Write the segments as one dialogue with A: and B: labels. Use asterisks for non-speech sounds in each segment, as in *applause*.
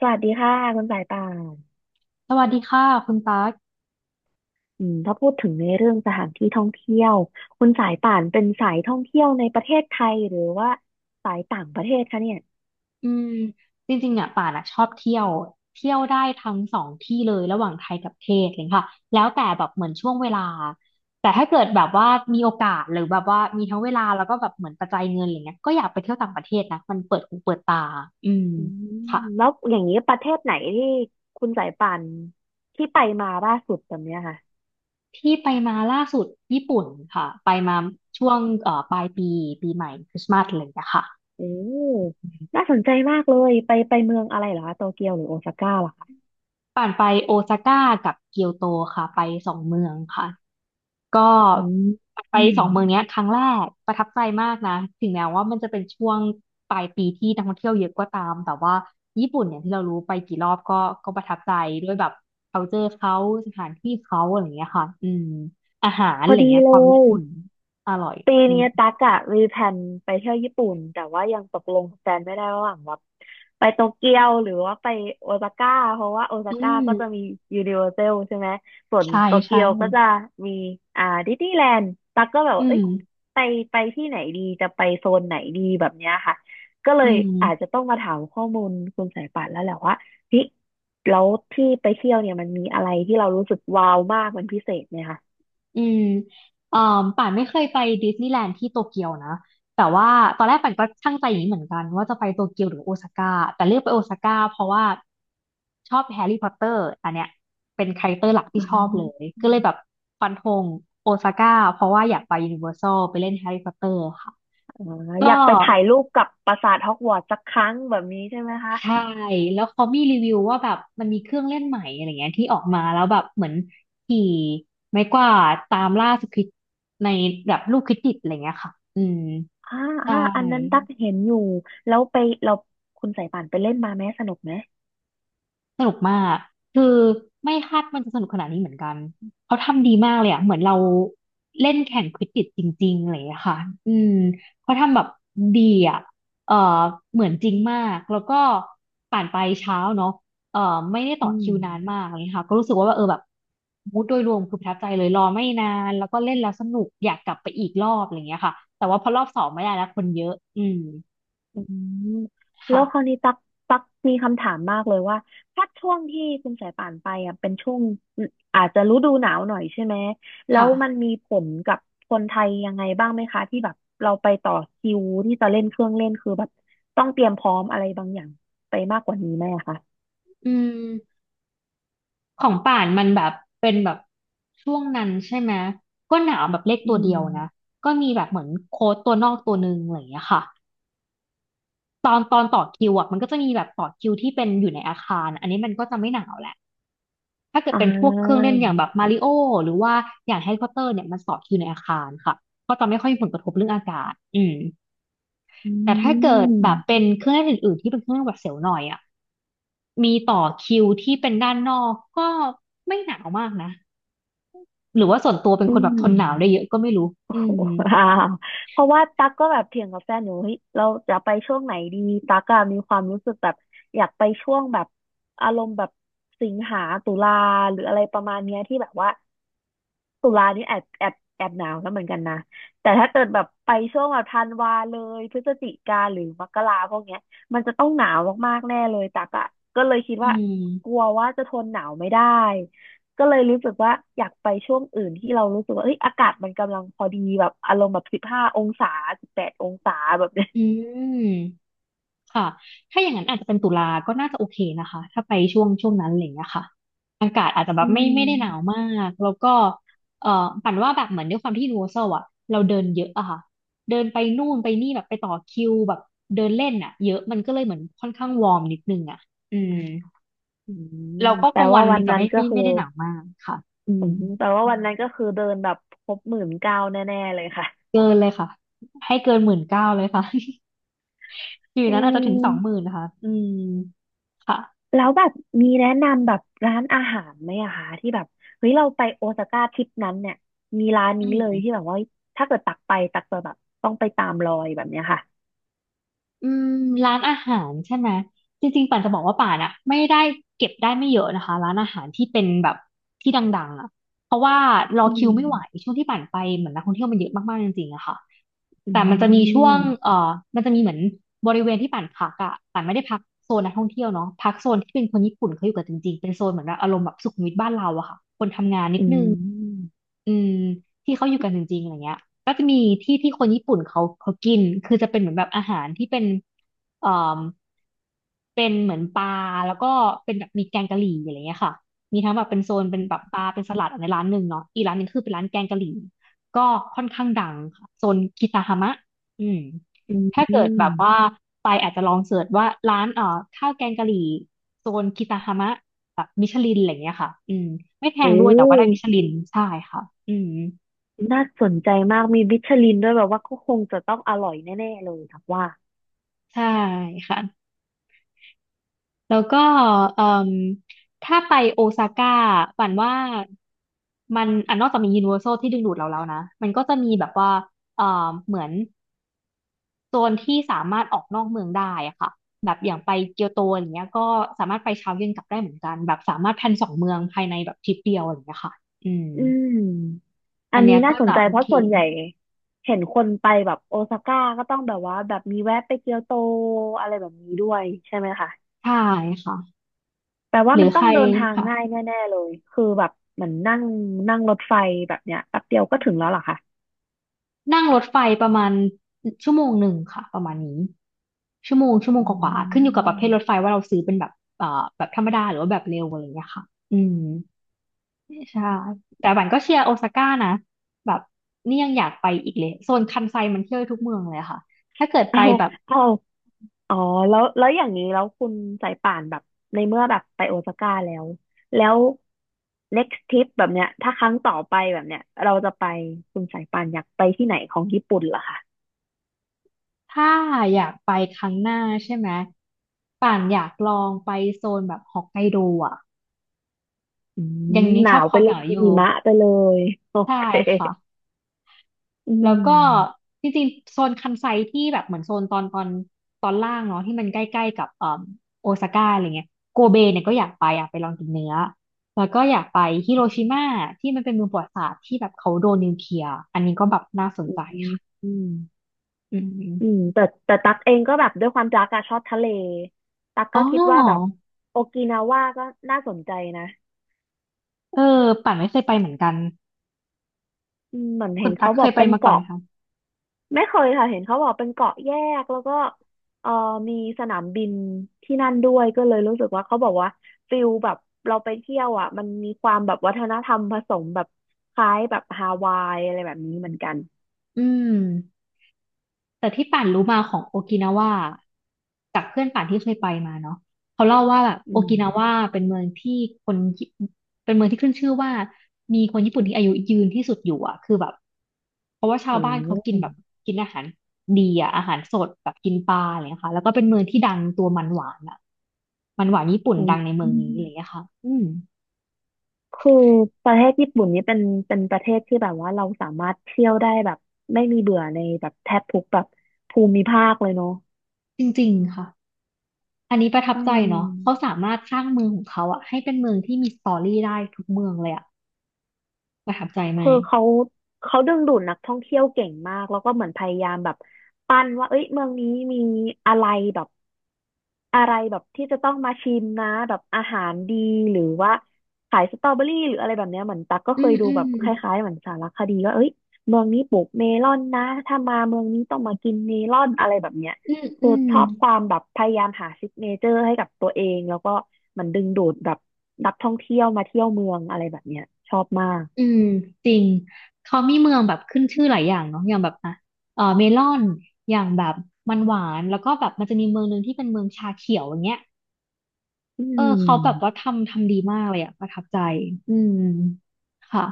A: สวัสดีค่ะคุณสายป่าน
B: สวัสดีค่ะคุณตั๊ก
A: ถ้าพูดถึงในเรื่องสถานที่ท่องเที่ยวคุณสายป่านเป็นสายท่องเที่ยวในประเทศไทยหรือว่าสายต่างประเทศคะเนี่ย
B: อืมจริงๆเนี่ยป่านอะชอบเที่ยวเที่ยวได้ทั้งสองที่เลยระหว่างไทยกับเทศเลยค่ะแล้วแต่แบบเหมือนช่วงเวลาแต่ถ้าเกิดแบบว่ามีโอกาสหรือแบบว่ามีทั้งเวลาแล้วก็แบบเหมือนปัจจัยเงินอะไรเงี้ยก็อยากไปเที่ยวต่างประเทศนะมันเปิดหูเปิดตาอืม
A: อืม
B: ค่ะ
A: แล้วอย่างนี้ประเทศไหนที่คุณสายป่านที่ไปมาล่าสุดแบบเนี้ยค่ะ
B: ที่ไปมาล่าสุดญี่ปุ่นค่ะไปมาช่วงปลายปีปีใหม่คริสต์มาสอะไรอย่างเงี้ยค่ะ
A: โอ้น่าสนใจมากเลยไปเมืองอะไรเหรอคะโตเกียวหรือโอซาก้าเหรอคะ
B: ป่านไปโอซาก้ากับเกียวโตค่ะไปสองเมืองค่ะ ก็
A: อืม
B: ไป
A: อืม
B: สองเมืองเนี้ยครั้งแรกประทับใจมากนะถึงแม้ว่ามันจะเป็นช่วงปลายปีที่นักท่องเที่ยวเยอะก็ตามแต่ว่าญี่ปุ่นเนี่ยที่เรารู้ไปกี่รอบก็ประทับใจด้วยแบบ culture เขาสถานที่เขาอะไรอย่างเงี้ยค่ะอืมอาหาร
A: พ
B: อะ
A: อ
B: ไร
A: ดี
B: เงี้ย
A: เล
B: ความญี่
A: ย
B: ปุ่นอร่อย
A: ปี
B: อื
A: นี้
B: ม
A: ตั๊กอะมีแผนไปเที่ยวญี่ปุ่นแต่ว่ายังตกลงกับแฟนไม่ได้ระหว่างแบบไปโตเกียวหรือว่าไปโอซาก้าเพราะว่าโอซา
B: อื
A: ก้าก็จะ
B: ม
A: มียูนิเวอร์แซลใช่ไหมส่วน
B: ใช่
A: โตเกี
B: ใช่
A: ยวก็จะมีดิสนีย์แลนด์ตั๊กก็แบบ
B: อื
A: ว่าเอ้
B: ม
A: ยไปไปที่ไหนดีจะไปโซนไหนดีแบบเนี้ยค่ะก็เล
B: อื
A: ย
B: ม
A: อาจจะต้องมาถามข้อมูลคุณสายป่านแล้วแหละว่าเฮ้ยแล้วที่ไปเที่ยวเนี่ยมันมีอะไรที่เรารู้สึกว้าวมากมันพิเศษไหมคะ
B: อืมอ่าป่านไม่เคยไปดิสนีย์แลนด์ที่โตเกียวนะแต่ว่าตอนแรกป่านก็ช่่งใจอย่างนี้เหมือนกันว่าจะไปโตเกียวหรือโอซาก้าแต่เลือกไปโอซาก้าเพราะว่าชอบแฮร์รี่พอตเตอร์อันเนี้ยเป็นคาแรคเตอร์หลัก
A: อื
B: ที่ชอบเลยก็เลยแบบ
A: ม
B: ฟันธงโอซาก้าเพราะว่าอยากไปยูนิเวอร์แซลไปเล่นแฮร์รี่พอตเตอร์ค่ะ
A: อ๋ออ
B: ก็
A: ยากไปถ่ายรูปกับปราสาทฮอกวอตส์สักครั้งแบบนี้ใช่ไหมคะ
B: ใช่ แล้วเขามีรีวิวว่าแบบมันมีเครื่องเล่นใหม่อะไรเงี้ยที่ออกมาแล้วแบบเหมือนขี่ไม้กวาดตามล่าสควิดในแบบลูกควิดดิดอะไรเงี้ยค่ะอืม
A: อ่าอ่า
B: ใช่
A: อันนั้นตักเห็นอยู่ แล้วไปเราคุณสายป่านไปเล่นมาไหมสนุกไหม
B: สนุกมาก คือไม่คาดมันจะสนุกขนาดนี้เหมือนกันเขาทำดีมากเลยอะเหมือนเราเล่นแข่งควิดดิชจริงๆอะไรอย่างเลยค่ะอืมเขาทำแบบดีอะเออเหมือนจริงมากแล้วก็ผ่านไปเช้าเนาะเออไม่ได้ต่
A: อื
B: อ
A: ม
B: คิวนานมากอะไรเลยค่ะก็รู้สึกว่าเออแบบมูดโดยรวมคือประทับใจเลยรอไม่นานแล้วก็เล่นแล้วสนุกอยากกลับไปอีกรอบอะไรอย่างเงี้ยค่ะแต่ว่าพอรอบสองไม่ได้แล้วคนเยอะอืม
A: อืมแล้
B: ค่ะ
A: วคราวนี้ตักมีคำถามมากเลยว่าถ้าช่วงที่คุณสายป่านไปอ่ะเป็นช่วงอาจจะฤดูหนาวหน่อยใช่ไหม แล้
B: ค่ะ
A: วมันมีผลกับคนไทยยังไงบ้างไหมคะที่แบบเราไปต่อคิวที่จะเล่นเครื่องเล่นคือแบบต้องเตรียมพร้อมอะไรบางอย่างไปมากกว่านี้ไหมอะคะ
B: อืม ของป่านมันแบบเป็นแบบช่วงนั้นใช่ไหมก็หนาวแบบเลข
A: อื
B: ตัวเดียวนะ
A: ม
B: ก็มีแบบเหมือนโค้ดตัวนอกตัวหนึ่งอะไรอย่างเงี้ยค่ะตอนต่อคิวอ่ะมันก็จะมีแบบต่อคิวที่เป็นอยู่ในอาคารอันนี้มันก็จะไม่หนาวแหละถ้าเกิด
A: อ่
B: เป็นพวกเครื่อง
A: า
B: เล่นอย่างแบบมาริโอหรือว่าอย่างแฮร์รี่พอตเตอร์เนี่ยมันต่อคิวในอาคารค่ะก็จะไม่ค่อยมีผลกระทบเรื่องอากาศอืม
A: อื
B: แต่ถ้าเกิดแบบเป็
A: ม
B: นเครื่องเล่นอื่นๆที่เป็นเครื่องเล่นหวัดเสียวหน่อยอ่ะมีต่อคิวที่เป็นด้านนอกก็ไม่หนาวมากนะ หรือว่าส่วนตัวเป็น
A: อื
B: คนแบบท
A: ม
B: นหนาวได้เยอะก็ไม่รู้อืม
A: *laughs* ว้าวเพราะว่าตั๊กก็แบบเถียงกับแฟนอยู่เฮ้ยเราจะไปช่วงไหนดี ตั๊กอะมีความรู้สึกแบบอยากไปช่วงแบบอารมณ์แบบสิงหาตุลาหรืออะไรประมาณเนี้ยที่แบบว่าตุลานี่แอบแอบแอบหนาวแล้วเหมือนกันนะแต่ถ้าเกิดแบบไปช่วงแบบธันวาเลยพฤศจิกาหรือมกราพวกเนี้ยมันจะต้องหนาวมากๆแน่เลยตักอะก็เลยคิด
B: อื
A: ว่าก
B: ม
A: ลัวว่าจะทนหนาวไม่ได้ ก็เลยรู้สึกว่าอยากไปช่วงอื่นที่เรารู้สึกว่าเอ้ยอากาศมันกำลังพอดีแบบอารมณ์แบบ15 องศา18 องศาแบบเนี้ย
B: อืมค่ะถ้าอย่างนั้นอาจจะเป็นตุลาก็น่าจะโอเคนะคะ ถ้าไปช่วงนั้นอะไรอย่างเงี้ยค่ะอากาศอาจจะแบ
A: อื
B: บไม่ได้หนาว
A: ม
B: มากแล้วก็เอ่อปั่นว่าแบบเหมือนด้วยความที่ยูนิเวอร์แซลอะเราเดินเยอะอะค่ะเดินไปนู่นไปนี่แบบไปต่อคิวแบบเดินเล่นอะเยอะมันก็เลยเหมือนค่อนข้างวอร์มนิดนึงอะอืม
A: อืม
B: เราก็ก
A: แต่
B: ลางวั
A: ว่า
B: น
A: วั
B: มั
A: น
B: นจะ
A: นั้น
B: ไม่
A: ก็
B: ไม่
A: คือ
B: ไม่ได้หนาวมากค่ะอื
A: อื
B: ม
A: มแต่ว่าวันนั้นก็คือเดินแบบครบ19,000แน่ๆเลยค่ะ
B: เกินเลยค่ะให้เกิน19,000เลยค่ะ อยู่
A: อื
B: นั้นอาจจะถึงสองหมื่
A: ม
B: นนะคะอืมค่ะ
A: แล้วแบบมีแนะนำแบบร้านอาหารไหมอะคะที่แบบเฮ้ยเราไปโอซาก้าทริปนั้นเนี่ยมีร้าน
B: อื
A: นี้เลย
B: ม
A: ที่แบบว่าถ้าเกิดตักไปตักจะแบบต้องไปตามรอยแบบเนี้ยค่ะ
B: อืมร้านอาหารใช่ไหม จริงๆป่านจะบอกว่าป่านอะไม่ได้เก็บได้ไม่เยอะนะคะร้านอาหารที่เป็นแบบที่ดังๆอะเพราะว่ารอ
A: อื
B: คิว
A: ม
B: ไม่ไหวช่วงที่ป่านไปเหมือนนักท่องเที่ยวมันเยอะมากๆจริงๆอะค่ะ
A: อื
B: แต่มันจะมีช่ว
A: ม
B: งมันจะมีเหมือนบริเวณที่ป่านพักอะป่านไม่ได้พักโซนนักท่องเที่ยวเนาะพักโซนที่เป็นคนญี่ปุ่นเขาอยู่กันจริงๆเป็นโซนเหมือนแบบอารมณ์แบบสุขุมวิทบ้านเราอะค่ะ
A: อืม
B: อืมที่เขาอยู่กันจริงๆอะไรเงี้ยก็จะมีที่ที่คนญี่ปุ่นเขากินคือจะเป็นเหมือนแบบอาหารที่เป็นเอ่อเป็นเหมือนปลาแล้วก็เป็นแบบมีแกงกะหรี่อะไรเงี้ยค่ะมีทั้งแบบเป็นโซนเป็นแบบปลาเป็นสลัดอันในร้านหนึ่งเนาะอีกร้านหนึงคือเป็นร้านแกงกะหรี่ก็ค่อนข้างดังค่ะโซนคิตาฮามะอืม
A: อื
B: ถ้าเกิดแบบว่า
A: ม
B: ไปอาจจะลองเสิร์ชว่าร้านข้าวแกงกะหรี่โซนคิตาฮามะ แบบมิชลินอะไรเงี้ยค่ะอืมไม่แพง
A: โอ้
B: ด้วยแต่ว่าได้มิชลินใช่ค่ะอืม
A: น่าสนใจมาก มีมิชลินด้วยแบบว่าก็คงจะต้องอร่อยแน่ๆเลยครับว่า
B: ใช่ค่ะ แล้วก็เอ่มถ้าไปโอซาก้าฝันว่ามันอ่ะนอกจากมียูนิเวอร์แซลที่ดึงดูดเราแล้วนะ มันก็จะมีแบบว่าเอ่อเหมือนโซนที่สามารถออกนอกเมืองได้อะค่ะแบบอย่างไปเกียวโตอย่างเงี้ยก็สามารถไปเช้าเย็นกลับได้เหมือนกันแบบสามารถแพลนสองเมืองภายในแบบทริปเดียวอะไรอย่างเงี้ยค่ะอืม
A: อืมอั
B: อั
A: น
B: นเนี้
A: นี้
B: ย
A: น่า
B: ก็
A: สน
B: จะ
A: ใจ
B: โอ
A: เพราะ
B: เค
A: ส่วนใหญ่เห็นคนไปแบบโอซาก้าก็ต้องแบบว่าแบบมีแวะไปเกียวโตอะไรแบบนี้ด้วยใช่ไหมคะ
B: ใช่ค่ะ
A: แปลว่า
B: หรื
A: มั
B: อ
A: นต้
B: ใค
A: อง
B: ร
A: เดินทาง
B: ค่ะ
A: ง่ายแน่ๆเลยคือแบบเหมือนนั่งนั่งรถไฟแบบเนี้ยแป๊บเดียวก็ถึงแล้วเหรอคะ
B: นั่งรถไฟประมาณชั่วโมงหนึ่งค่ะประมาณนี้ชั่วโมงชั่วโมง
A: อื
B: กว่าๆขึ้นอยู่กับประเภทรถไฟ
A: ม
B: ว่าเราซื้อเป็นแบบเอ่อแบบธรรมดาหรือว่าแบบเร็วอะไรอย่างเงี้ยค่ะอืมใช่แต่บันก็เชียร์โอซาก้านะแบบนี่ยังอยากไปอีกเลยโซนคันไซมันเที่ยวได้ทุกเมืองเลยค่ะถ้าเกิดไป
A: เอา
B: แบบ
A: เอา อ๋อแล้วอย่างนี้แล้วคุณสายป่านแบบในเมื่อแบบไปโอซาก้าแล้วแล้ว next trip แบบเนี้ยถ้าครั้งต่อไปแบบเนี้ยเราจะไปคุณสายป่านอยากไปที่ไหนของญี่ปุ่นเหรอคะ
B: ถ้าอยากไปครั้งหน้าใช่ไหมป่านอยากลองไปโซนแบบฮอกไกโดอ่ะ
A: อืม
B: ยังนี้
A: ห
B: ช
A: นา
B: อบ
A: ว
B: ค
A: ไป
B: วาม
A: เล
B: ห
A: ย
B: นาวอ
A: หิ
B: ยู่
A: มะไปเลย *laughs* โอ
B: ใช่
A: เค
B: ค่ะ
A: อื
B: แล้วก็
A: ม
B: จริงๆโซนคันไซที่แบบเหมือนโซนตอนล่างเนาะที่มันใกล้ๆกับโอซาก้าอะไรเงี้ยโกเบเนี่ยก็อยากไปอยากไปลองกินเนื้อแล้วก็อยากไปฮิโรชิมาที่มันเป็นเมืองประวัติศาสตร์ที่แบบเขาโดนนิวเคลียร์อันนี้ก็แบบน่าสน
A: อื
B: ใจ
A: ม
B: ค่ะ
A: อืม
B: อืม
A: อืมแต่ตักเองก็แบบด้วยความตักอะชอบทะเลตัก
B: อ๋
A: ก็คิดว่าแบบ
B: อ
A: โอกินาว่าก็น่าสนใจนะ
B: เออป่านไม่เคยไปเหมือนกัน
A: อืมเหมือน
B: คุ
A: เห็
B: ณ
A: น
B: ตั๊
A: เขา
B: ก
A: บ
B: เค
A: อก
B: ยไป
A: เป็น
B: มาก่อนไหม
A: เกาะ
B: คะ
A: ไม่เคยค่ะเห็นเขาบอกเป็นเกาะแยกแล้วก็เอ่อมีสนามบินที่นั่นด้วยก็เลยรู้สึกว่าเขาบอกว่าฟิลแบบเราไปเที่ยวอ่ะมันมีความแบบวัฒนธรรมผสมแบบคล้ายแบบฮาวายอะไรแบบนี้เหมือนกัน
B: อืม แต่ที่ป่านรู้มาของโอกินาวาจากเพื่อนป่านที่เคยไปมาเนาะเขาเล่าว่าแบบโอ
A: อืม
B: กินาวาเป็นเมืองที่คนญี่เป็นเมืองที่ขึ้นชื่อว่ามีคนญี่ปุ่นที่อายุยืนที่สุดอยู่อ่ะคือแบบเพราะว่าชา
A: อื
B: วบ้านเขากินแบบ
A: ม
B: กินอาหารดีอ่ะอาหารสดแบบกินปลาอะไรอย่างเงี้ยค่ะแล้วก็เป็นเมืองที่ดังตัวมันหวานอ่ะมันหวานญี่ปุ่น
A: อืม
B: ดังในเมื
A: อื
B: อง
A: ม
B: นี้อะไรอย่างเงี้ยค่ะอืม
A: คือประเทศญี่ปุ่นนี้เป็นประเทศที่แบบว่าเราสามารถเที่ยวได้แบบไม่มีเบื่อในแบบแทบทุกแบบภูมิภาคเลยเนาะ
B: จริงๆค่ะอันนี้ประทับ
A: อื
B: ใจเนาะเขา
A: ม
B: สามารถสร้างเมืองของเขาอะให้เป็นเมืองที่มีสตอรี่ได้ทุกเมืองเลยอะประทับใจไหม
A: คือเขาดึงดูดนักท่องเที่ยวเก่งมากแล้วก็เหมือนพยายามแบบปั้นว่าเอ้ยเมืองนี้มีอะไรแบบอะไรแบบที่จะต้องมาชิมนะแบบอาหารดีหรือว่าขายสตรอเบอรี่หรืออะไรแบบเนี้ยเหมือนตักก็
B: อื
A: เคย
B: ม
A: ดู
B: อื
A: แบ
B: ม
A: บคล้ายๆเหมือนสารคดีว่าเอ้ยเมืองนี้ปลูกเมลอนนะถ้ามาเมืองนี้ต้องมากินเมลอนอะไรแบบเนี้ย
B: อืมอื
A: คือ
B: ม
A: ชอบความแบบพยายามหาซิกเนเจอร์ให้กับตัวเองแล้วก็เหมันดึงดูดแบบนักท่องเที่ยวมาเที่ยวเมืองอะไรแบบเนี้ยชอบมาก
B: อืมจริงเขามีเมืองแบบขึ้นชื่อหลายอย่างเนาะอย่างแบบอ่ะเออเมลอนอย่างแบบมันหวานแล้วก็แบบมันจะมีเมืองหนึ่งที่เป็นเมืองชาเขียวอย่างเงี้ย
A: อื
B: เออเขาแบบว่า
A: ม
B: ทำดีมากเลยอะประทับใจอืมค่ะ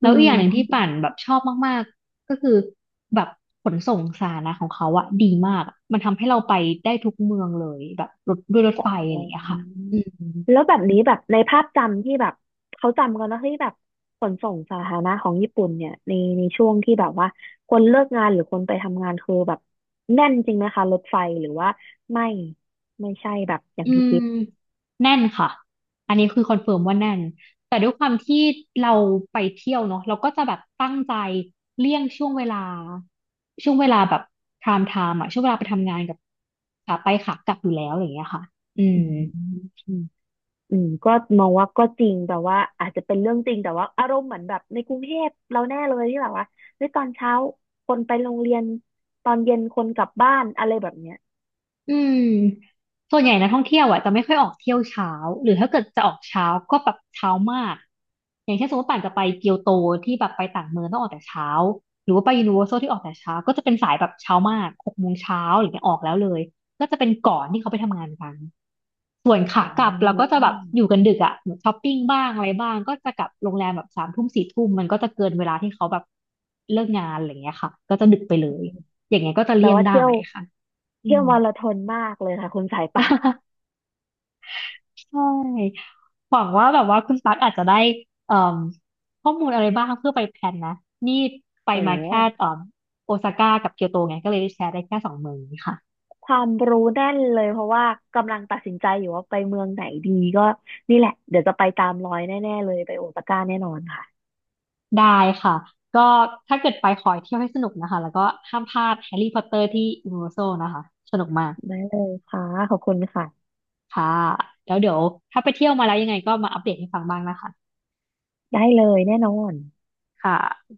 B: แล้
A: อื
B: วอีกอย่างหนึ่งที่
A: ม
B: ป่านแบบชอบมากๆก็คือแบบขนส่งสาธารณะของเขาอะดีมากมันทำให้เราไปได้ทุกเมืองเลยแบบรถด้วยรถ
A: อ๋
B: ไฟอะไรอย่างเงี้ย
A: อ
B: ค่ะอืม
A: แล้วแบบนี้แบบในภาพจำที่แบบเขาจำกันนะที่แบบขนส่งสาธารณะของญี่ปุ่นเนี่ยในช่วงที่แบบว่าคนเลิกงานหรือคนไปทำงานคือแบบแน่นจริงไหมคะรถไฟหรือว่าไม่ไม่ใช่แบบอย่าง
B: อื
A: ที่
B: ม
A: คิด
B: แน่นค่ะ อันนี้คือคอนเฟิร์มว่าแน่น แต่ด้วยความที่เราไปเที่ยวเนาะเราก็จะแบบตั้งใจเลี่ยงช่วงเวลาช่วงเวลาแบบไทม์อะช่วงเวลาไปทำงานกับขาไปขากลับอยู่แล้วอะไรอย่างเงี้ยค่ะอื
A: อื
B: ม
A: มอืมอืมก็มองว่าก็จริงแต่ว่าอาจจะเป็นเรื่องจริงแต่ว่าอารมณ์เหมือนแบบในกรุงเทพเราแน่เลยที่แบบว่าเฮ้ยตอนเช้าคนไปโรงเรียนตอนเย็นคนกลับบ้านอะไรแบบเนี้ย
B: อืมส่วนใหญ่นักท่องเที่ยวอ่ะจะไม่ค่อยออกเที่ยวเช้าหรือถ้าเกิดจะออกเช้าก็แบบเช้ามากอย่างเช่นสมมติป่านจะไปเกียวโตที่แบบไปต่างเมืองต้องออกแต่เช้าหรือว่าไปยูนิเวอร์แซลที่ออกแต่เช้าก็จะเป็นสายแบบเช้ามาก6 โมงเช้าหรือเนี่ยออกแล้วเลยก็จะเป็นก่อนที่เขาไปทำงานกันส่วนขา
A: อ๋อ
B: กลับเราก็จะแบบอยู่กันดึกอ่ะเหมือนช้อปปิ้งบ้างอะไรบ้างก็จะกลับโรงแรมแบบ3 ทุ่ม 4 ทุ่มมันก็จะเกินเวลาที่เขาแบบเลิกงานอะไรอย่างเงี้ยค่ะก็จะดึกไปเลยอย่างเงี้ยก็จะ
A: แป
B: เลี่
A: ล
B: ยง
A: ว่า
B: ได้
A: เที่ยว
B: ค่ะอื
A: เที่ยว
B: ม
A: มาราธอนมากเลยค่ะคุณสายป่าน
B: *laughs* ใช่หวังว่าแบบว่าคุณตั๊กอาจจะได้เอ่มข้อมูลอะไรบ้างเพื่อไปแพลนนะนี่ไป
A: โอ้
B: มาแค่เอ่มโอซาก้ากับเกียวโตไงก็เลยแชร์ได้แค่สองเมืองนี้ค่ะ
A: ความรู้แน่นเลยเพราะว่ากำลังตัดสินใจอยู่ว่าไปเมืองไหนดีก็นี่แหละเดี๋ยวจะไปตามรอยแน่ๆเลยไปโอซาก้าแน่นอนค่ะ
B: ได้ค่ะก็ถ้าเกิดไปขอให้เที่ยวให้สนุกนะคะแล้วก็ห้ามพลาดแฮร์รี่พอตเตอร์ที่ยูนิเวอร์แซลนะคะสนุกมาก
A: ได้เลยค่ะขอบคุณค่ะ
B: ค่ะแล้วเดี๋ยวถ้าไปเที่ยวมาแล้วยังไงก็มาอัปเดตให้ฟังบ้างนะคะ
A: ได้เลยแน่นอน
B: ค่ะ